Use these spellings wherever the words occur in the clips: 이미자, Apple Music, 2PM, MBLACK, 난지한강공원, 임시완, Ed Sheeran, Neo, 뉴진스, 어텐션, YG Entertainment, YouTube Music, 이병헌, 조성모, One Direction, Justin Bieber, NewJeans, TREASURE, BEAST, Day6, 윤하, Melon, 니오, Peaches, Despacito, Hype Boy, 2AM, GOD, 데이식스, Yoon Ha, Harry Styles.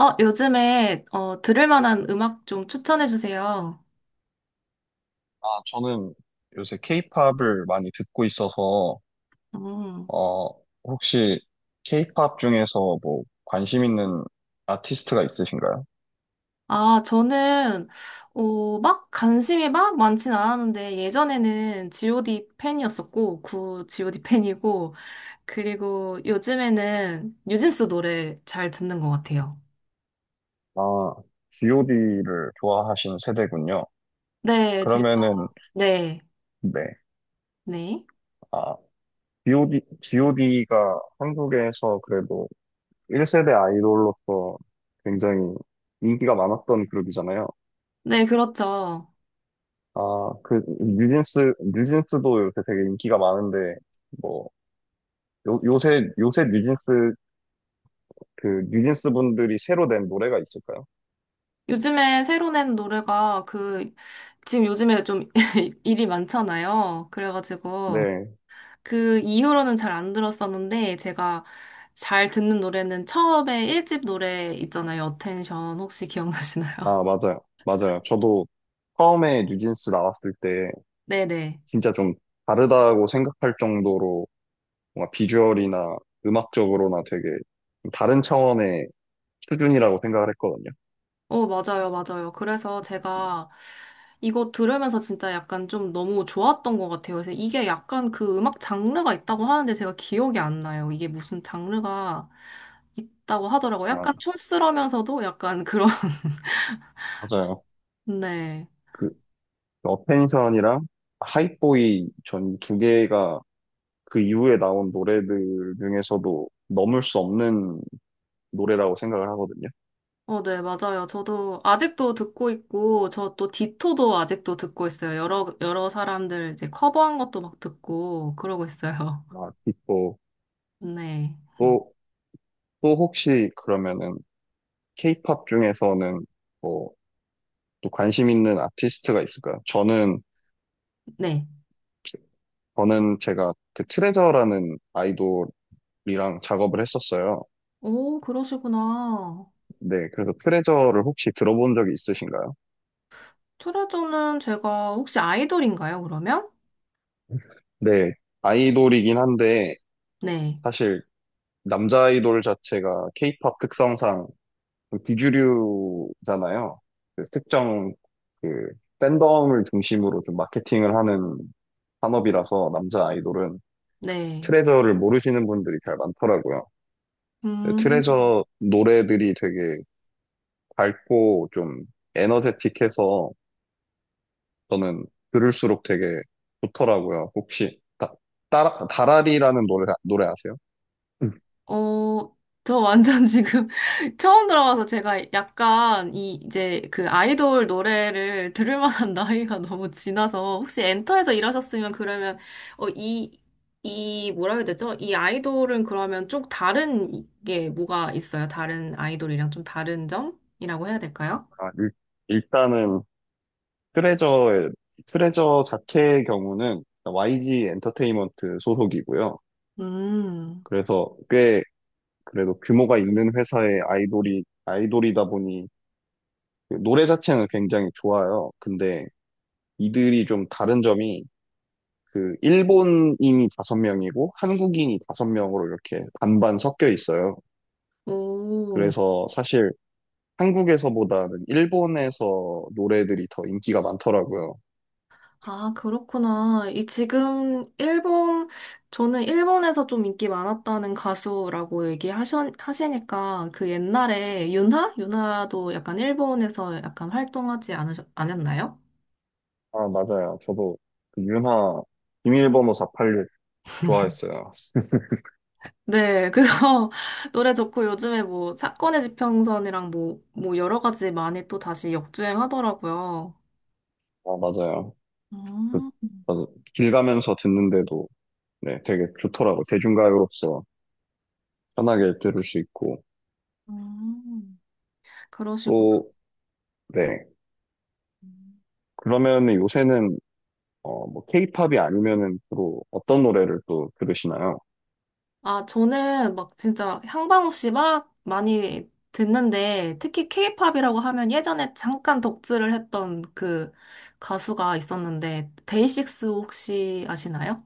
요즘에, 들을 만한 음악 좀 추천해 주세요. 아, 저는 요새 케이팝을 많이 듣고 있어서, 음. 어, 혹시 케이팝 중에서 뭐 관심 있는 아티스트가 있으신가요? 아, 저는, 막 관심이 막 많진 않았는데, 예전에는 GOD 팬이었었고, 구 GOD 팬이고, 그리고 요즘에는 뉴진스 노래 잘 듣는 것 같아요. 아, GOD를 좋아하시는 세대군요. 네, 제가, 그러면은, 네, 네. 네. 아, GOD가 한국에서 그래도 1세대 아이돌로서 굉장히 인기가 많았던 그룹이잖아요. 네, 그렇죠. 아, 그, 뉴진스도 요새 되게 인기가 많은데, 뭐, 요, 요새, 요새 뉴진스 그 뉴진스 분들이 새로 낸 노래가 있을까요? 요즘에 새로 낸 노래가 그, 지금 요즘에 좀 일이 많잖아요. 그래가지고, 네. 그 이후로는 잘 안 들었었는데 제가 잘 듣는 노래는 처음에 1집 노래 있잖아요. 어텐션 혹시 기억나시나요? 아, 맞아요. 맞아요. 저도 처음에 뉴진스 나왔을 때 네네. 진짜 좀 다르다고 생각할 정도로 뭔가 비주얼이나 음악적으로나 되게 좀 다른 차원의 수준이라고 생각을 했거든요. 어, 맞아요, 맞아요. 그래서 제가 이거 들으면서 진짜 약간 좀 너무 좋았던 것 같아요. 그래서 이게 약간 그 음악 장르가 있다고 하는데 제가 기억이 안 나요. 이게 무슨 장르가 있다고 하더라고요. 아, 약간 촌스러면서도 약간 그런, 맞아요. 네. 그 어펜션이랑 하이보이 전 2개가 그 이후에 나온 노래들 중에서도 넘을 수 없는 노래라고 생각을 하거든요. 어, 네, 맞아요. 저도 아직도 듣고 있고, 저 또 디토도 아직도 듣고 있어요. 여러 사람들 이제 커버한 것도 막 듣고, 그러고 있어요. 아, 또, 네. 또, 또 혹시 그러면은 케이팝 중에서는 뭐 또 관심 있는 아티스트가 있을까요? 네. 저는 제가 그 트레저라는 아이돌이랑 작업을 했었어요. 오, 그러시구나. 네, 그래서 트레저를 혹시 들어본 적이 있으신가요? 트레저는 제가 혹시 아이돌인가요, 그러면? 네, 아이돌이긴 한데 네. 사실 남자 아이돌 자체가 케이팝 특성상 좀 비주류잖아요. 그 특정 그 팬덤을 중심으로 좀 마케팅을 하는 산업이라서 남자 아이돌은 네. 트레저를 모르시는 분들이 잘 많더라고요. 네, 음. 트레저 노래들이 되게 밝고 좀 에너제틱해서 저는 들을수록 되게 좋더라고요. 혹시 다라리라는 노래 아세요? 음. 어, 저 완전 지금 처음 들어와서 제가 약간 이 이제 그 아이돌 노래를 들을 만한 나이가 너무 지나서 혹시 엔터에서 일하셨으면 그러면 어, 이, 이 뭐라 해야 되죠? 이 아이돌은 그러면 좀 다른 게 뭐가 있어요? 다른 아이돌이랑 좀 다른 점이라고 해야 될까요? 아, 일단은 트레저의, 트레저 자체의 경우는 YG 엔터테인먼트 소속이고요. 음. 그래서 꽤 그래도 규모가 있는 회사의 아이돌이다 보니 그 노래 자체는 굉장히 좋아요. 근데 이들이 좀 다른 점이 그 일본인이 5명이고 한국인이 5명으로 이렇게 반반 섞여 있어요. 오. 그래서 사실 한국에서보다는 일본에서 노래들이 더 인기가 많더라고요. 아, 그렇구나. 이 지금 일본, 저는 일본에서 좀 인기 많았다는 가수라고 얘기하시니까 그 옛날에 윤하? 윤하도 약간 일본에서 약간 않았나요? 아, 맞아요. 저도 그 윤하 비밀번호 486 좋아했어요. 네, 그거 노래 좋고 요즘에 뭐 사건의 지평선이랑 뭐 여러 가지 많이 또 다시 역주행하더라고요. 아, 맞아요. 그, 음, 저도 길 가면서 듣는데도 네, 되게 좋더라고요. 대중가요로서 편하게 들을 수 있고. 음, 그러시구나. 또, 네. 그러면 요새는 뭐 케이팝이 아니면은 주로 어떤 노래를 또 들으시나요? 아, 저는 막 진짜 향방 없이 막 많이 듣는데, 특히 케이팝이라고 하면 예전에 잠깐 덕질을 했던 그 가수가 있었는데, 데이식스 혹시 아시나요?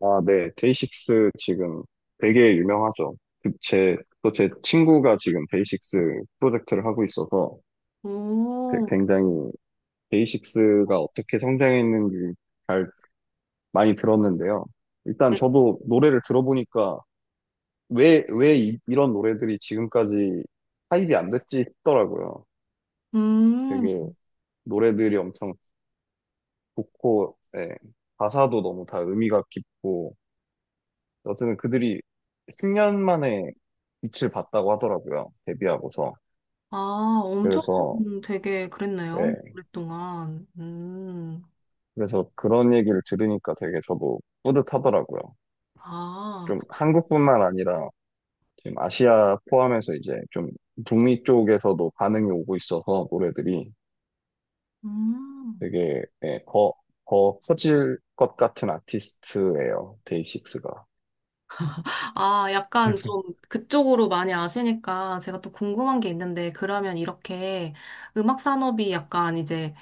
아, 네. 데이식스 지금 되게 유명하죠. 그 또 제 친구가 지금 데이식스 프로젝트를 하고 있어서 오, 굉장히 데이식스가 어떻게 성장했는지 잘 많이 들었는데요. 일단 네. 저도 노래를 들어보니까 왜 이런 노래들이 지금까지 타입이 안 됐지 싶더라고요. 음, 되게 노래들이 엄청 좋고, 예. 가사도 너무 다 의미가 깊고, 어쨌든 그들이 10년 만에 빛을 봤다고 하더라고요. 데뷔하고서. 아, 엄청 그래서, 되게 그랬네요. 네. 오랫동안. 그래서 그런 얘기를 들으니까 되게 저도 뿌듯하더라고요. 아, 좀 한국뿐만 아니라 지금 아시아 포함해서 이제 좀 북미 쪽에서도 반응이 오고 있어서 노래들이 음. 되게, 네, 더 커질 것 같은 아티스트예요. 데이식스가. 아, 약간 좀 그쪽으로 많이 아시니까 제가 또 궁금한 게 있는데, 그러면 이렇게 음악 산업이 약간 이제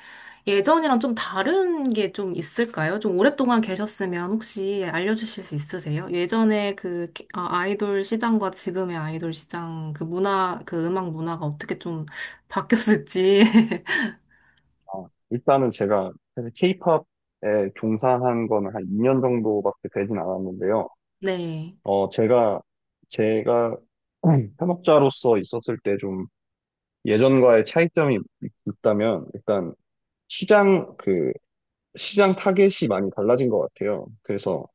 예전이랑 좀 다른 게 좀 있을까요? 좀 오랫동안 계셨으면 혹시 알려주실 수 있으세요? 예전에 그 아, 아이돌 시장과 지금의 아이돌 시장 그 문화, 그 음악 문화가 어떻게 좀 바뀌었을지. 아, 일단은 제가 사실 케이팝에 종사한 거는 한 2년 정도밖에 되진 않았는데요. 네, 어, 제가, 제가 현업자로서 있었을 때 좀 예전과의 차이점이 있다면 일단 시장, 그, 시장 타겟이 많이 달라진 것 같아요. 그래서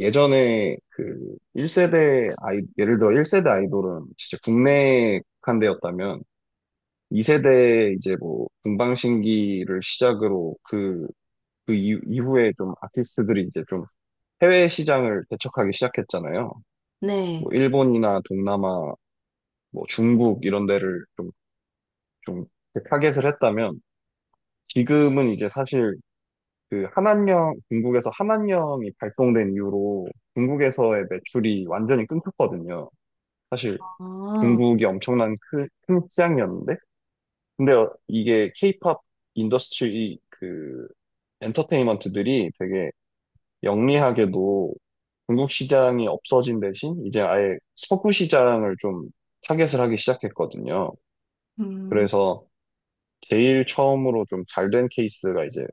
예전에 그 1세대 예를 들어 1세대 아이돌은 진짜 국내에 국한되었다면 2세대 이제 뭐 동방신기를 시작으로 그 이후에 좀 아티스트들이 이제 좀 해외 시장을 개척하기 시작했잖아요. 네. 뭐 일본이나 동남아 뭐 중국 이런 데를 좀 타겟을 했다면 지금은 이제 사실 그 한안령, 중국에서 한안령이 발동된 이후로 중국에서의 매출이 완전히 끊겼거든요. 사실 아, 중국이 엄청난 큰 시장이었는데 근데 이게 케이팝 인더스트리 그 엔터테인먼트들이 되게 영리하게도 중국 시장이 없어진 대신 이제 아예 서구 시장을 좀 타겟을 하기 시작했거든요. 음, 그래서 제일 처음으로 좀 잘된 케이스가 이제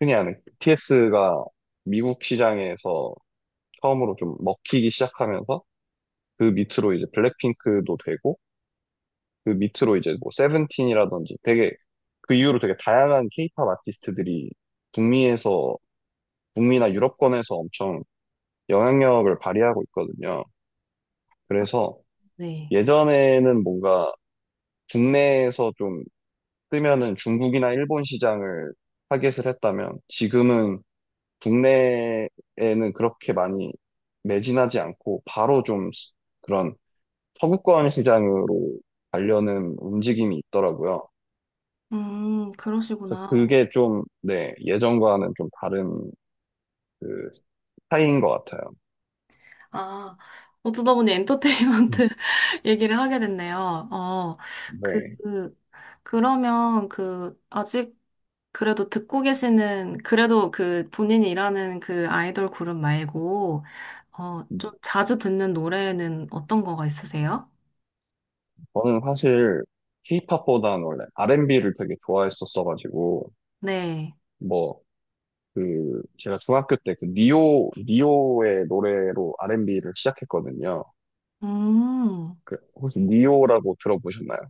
흔히 아는 BTS가 미국 시장에서 처음으로 좀 먹히기 시작하면서 그 밑으로 이제 블랙핑크도 되고 그 밑으로 이제 뭐 세븐틴이라든지 되게 그 이후로 되게 다양한 케이팝 아티스트들이 북미에서 북미나 유럽권에서 엄청 영향력을 발휘하고 있거든요. 그래서 네. 예전에는 뭔가 국내에서 좀 뜨면은 중국이나 일본 시장을 타겟을 했다면 지금은 국내에는 그렇게 많이 매진하지 않고 바로 좀 그런 서구권 시장으로 가려는 움직임이 있더라고요. 그래서 그러시구나. 그게 좀, 네, 예전과는 좀 다른 그 스타일인 것 같아요. 아, 어쩌다 보니 음. 엔터테인먼트 얘기를 하게 됐네요. 그, 네. 그러면 그, 아직 그래도 듣고 계시는, 그래도 그 본인이 일하는 그 아이돌 그룹 말고, 좀 자주 듣는 노래는 어떤 거가 있으세요? 저는 사실 K-팝보다는 원래 R&B를 되게 좋아했었어가지고 네. 뭐 그 제가 중학교 때 그 니오의 노래로 R&B를 시작했거든요. 음, 그 혹시 니오라고 들어보셨나요?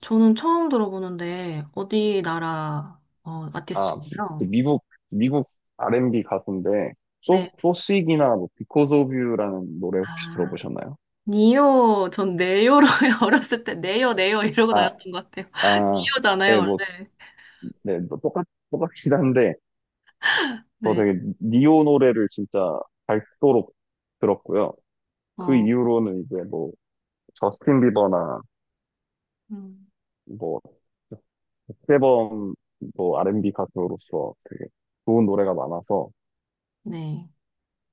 저는 처음 들어보는데, 어디 나라, 아, 그 아티스트인가요? 미국 R&B 가수인데, 네. 소식이나 뭐, Because of You라는 노래 혹시 아, 들어보셨나요? 니오, 전 네요로 어렸을 때, 네요, 네요 이러고 아, 다녔던 것 같아요. 아, 니오잖아요, 네, 뭐, 원래. 네, 뭐 똑같긴 한데, 저 네. 되게 니오 노래를 진짜 밝도록 들었고요. 그 어, 이후로는 이제 뭐, 저스틴 비버나 음, 뭐, 백세범 뭐, R&B 가수로서 되게 좋은 노래가 많아서 네.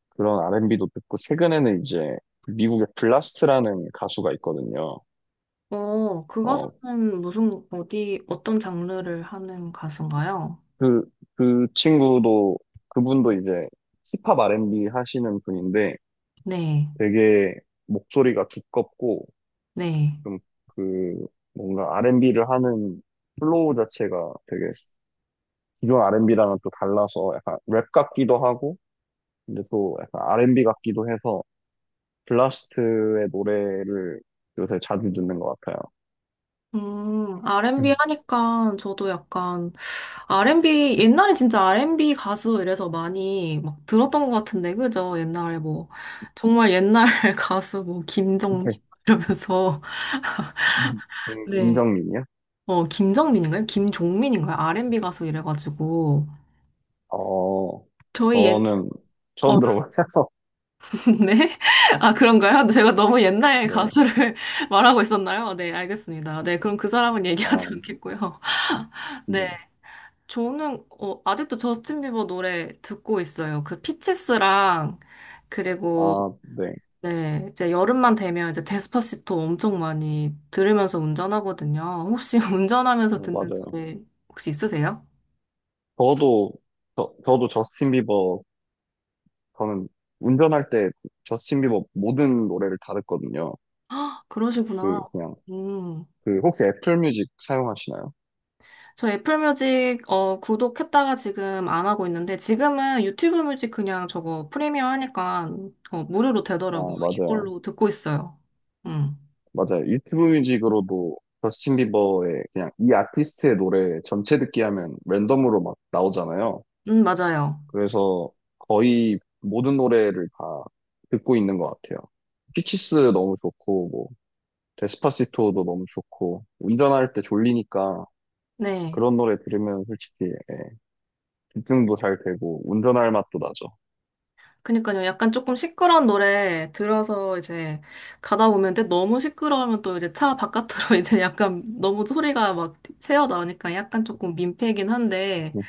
그런 R&B도 듣고, 최근에는 이제 미국의 블라스트라는 가수가 있거든요. 그 어, 가수는 무슨, 어디, 어떤 장르를 하는 가수인가요? 그, 그 친구도, 그분도 이제 힙합 R&B 하시는 분인데 네, 되게 목소리가 두껍고 네. 좀 그 뭔가 R&B를 하는 플로우 자체가 되게 기존 R&B랑은 또 달라서 약간 랩 같기도 하고 근데 또 약간 R&B 같기도 해서 블라스트의 노래를 요새 자주 듣는 것 같아요. R&B 음, 하니까 저도 약간, R&B, 옛날에 진짜 R&B 가수 이래서 많이 막 들었던 것 같은데, 그죠? 옛날에 뭐, 정말 옛날 가수 뭐, 김정민? 백- 이러면서, 음, 네. 김정민이요? 김정민인가요? 김종민인가요? R&B 가수 이래가지고. 어, 저희 옛, 저는 처음 어, 들어봐서, 네? 아, 그런가요? 제가 너무 옛날 네, 가수를 말하고 있었나요? 네, 알겠습니다. 네, 그럼 그 사람은 얘기하지 아, 않겠고요. 네, 저는 아직도 저스틴 비버 노래 듣고 있어요. 그 피치스랑 그리고 아, 네. 네, 이제 여름만 되면 이제 데스파시토 엄청 많이 들으면서 운전하거든요. 혹시 운전하면서 듣는 맞아요. 노래 혹시 있으세요? 저도, 저, 저도 저스틴 비버, 저는 운전할 때 저스틴 비버 모든 노래를 다 듣거든요. 아, 그러시구나. 그, 그냥, 음. 혹시 애플 뮤직 사용하시나요? 저 애플 뮤직, 구독했다가 지금 안 하고 있는데, 지금은 유튜브 뮤직 그냥 저거 프리미어 하니까, 무료로 되더라고요. 아, 맞아요. 이걸로 듣고 있어요. 음, 맞아요. 유튜브 뮤직으로도 저스틴 비버의 그냥 이 아티스트의 노래 전체 듣기 하면 랜덤으로 막 나오잖아요. 맞아요. 그래서 거의 모든 노래를 다 듣고 있는 것 같아요. 피치스 너무 좋고, 뭐, 데스파시토도 너무 좋고 운전할 때 졸리니까 네. 그런 노래 들으면 솔직히 예, 집중도 잘 되고 운전할 맛도 나죠. 그니까요. 약간 조금 시끄러운 노래 들어서 이제 가다 보면, 근데 너무 시끄러우면 또 이제 차 바깥으로 이제 약간 너무 소리가 막 새어 나오니까 약간 조금 민폐긴 한데, 음,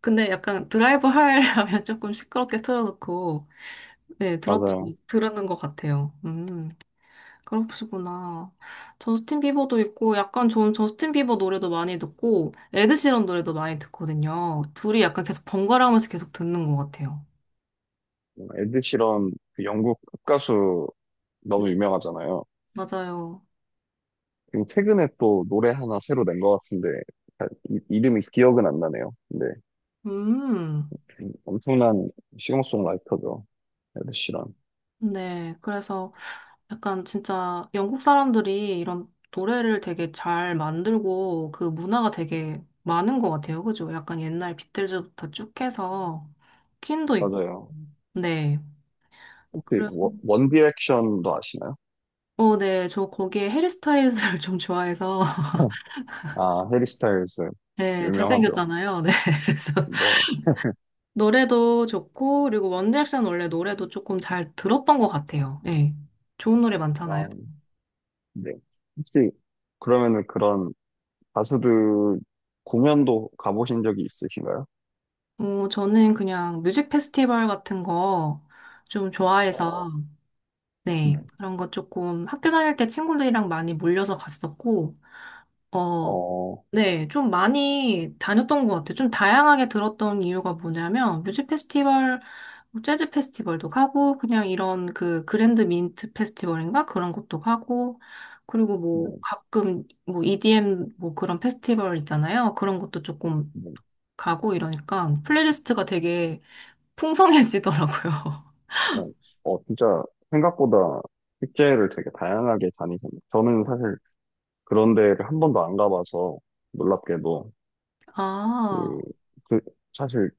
근데 약간 드라이브 하려면 조금 시끄럽게 틀어놓고, 네, 맞아요. 들었는 것 같아요. 음. 그러시구나. 저스틴 비버도 있고, 약간 저는 저스틴 비버 노래도 많이 듣고, 에드시런 노래도 많이 듣거든요. 둘이 약간 계속 번갈아 가면서 계속 듣는 것 같아요. 에드 시런 그 영국 팝가수 음, 너무 유명하잖아요. 맞아요. 그리고 최근에 또 노래 하나 새로 낸 것 같은데 잘 이름이 기억은 안 나네요. 근데 음, 엄청난 싱어송라이터죠. 에드 시런. 네. 그래서 약간 진짜 영국 사람들이 이런 노래를 되게 잘 만들고, 그 문화가 되게 많은 것 같아요. 그죠? 약간 옛날 비틀즈부터 쭉 해서, 퀸도 있고, 맞아요. 네. 혹시 그래- 원 디렉션도 아시나요? 어, 네. 저 거기에 해리스타일즈를 좀 좋아해서, 네. 아, 해리 스타일즈 네, 유명하죠. 잘생겼잖아요. 네, 그래서 네. 노래도 좋고, 그리고 원디렉션 원래 노래도 조금 잘 들었던 것 같아요. 네, 좋은 노래 많잖아요. 아, 네. 혹시 그러면은 그런 가수들 공연도 가보신 적이 있으신가요? 저는 그냥 뮤직 페스티벌 같은 거 좀 좋아해서, 어, 네. 네, 그런 거 조금 학교 다닐 때 친구들이랑 많이 몰려서 갔었고, 어, 어, 네, 좀 많이 다녔던 것 같아요. 좀 다양하게 들었던 이유가 뭐냐면, 뮤직 페스티벌 뭐 재즈 페스티벌도 가고, 그냥 이런 그 그랜드 민트 페스티벌인가? 그런 것도 가고, 그리고 네, 뭐 가끔 뭐 EDM 뭐 그런 페스티벌 있잖아요. 그런 것도 조금 네. 가고 이러니까 플레이리스트가 되게 풍성해지더라고요. 어, 진짜 생각보다 축제를 되게 다양하게 다니셨네요. 저는 사실 그런 데를 한 번도 안 가봐서 놀랍게도 그, 아, 그 사실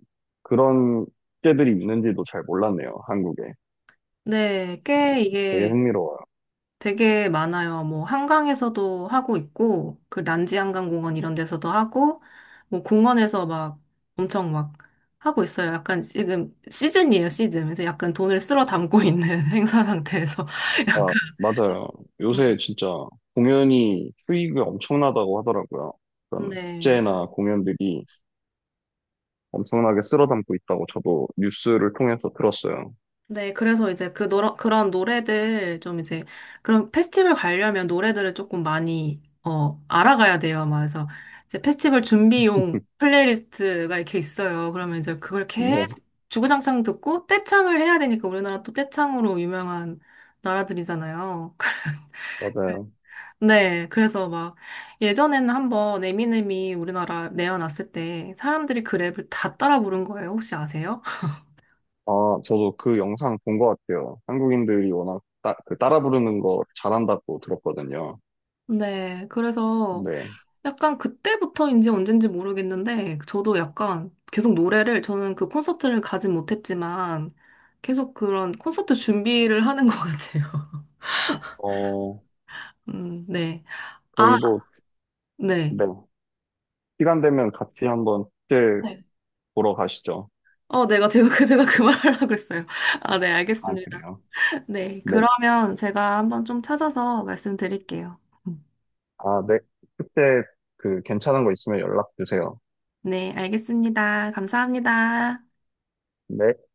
그런 축제들이 있는지도 잘 몰랐네요, 한국에. 네. 어, 꽤 되게 이게 되게 많아요. 뭐 한강에서도 하고 있고 그 난지한강공원 이런 데서도 하고 뭐 공원에서 막 엄청 막 하고 있어요. 약간 지금 시즌이에요, 시즌. 그래서 약간 돈을 쓸어 담고 있는 행사 상태에서 약간 맞아요. 음, 요새 진짜 공연이 수익이 엄청나다고 하더라고요. 그런 네. 축제나 공연들이 엄청나게 쓸어담고 있다고 저도 뉴스를 통해서 들었어요. 네, 그래서 이제 그 노 그런 노래들 좀 이제 그런 페스티벌 가려면 노래들을 조금 많이 알아가야 돼요. 막 그래서 이제 페스티벌 준비용 플레이리스트가 이렇게 있어요. 그러면 이제 그걸 계속 네, 주구장창 듣고 떼창을 해야 되니까 우리나라 또 떼창으로 유명한 나라들이잖아요. 맞아요. 네, 그래서 막 예전에는 한번 에미넴이 우리나라 내어놨을 때 사람들이 그 랩을 다 따라 부른 거예요. 혹시 아세요? 아, 저도 그 영상 본 것 같아요. 한국인들이 워낙 따, 그 따라 부르는 거 잘한다고 들었거든요. 네, 그래서 네. 약간 그때부터인지 언젠지 모르겠는데, 저도 약간 계속 노래를, 저는 그 콘서트를 가진 못했지만, 계속 그런 콘서트 준비를 하는 것 같아요. 어, 네. 아, 저희 도 네. 네. 시간 되면 같이 한번 축제 네. 보러 가시죠. 제가 그 말하려고 그랬어요. 아, 네, 아, 알겠습니다. 그래요? 네, 네. 그러면 제가 한번 좀 찾아서 말씀드릴게요. 음, 아, 네. 축제 그 괜찮은 거 있으면 연락 주세요. 네, 알겠습니다. 감사합니다. 네.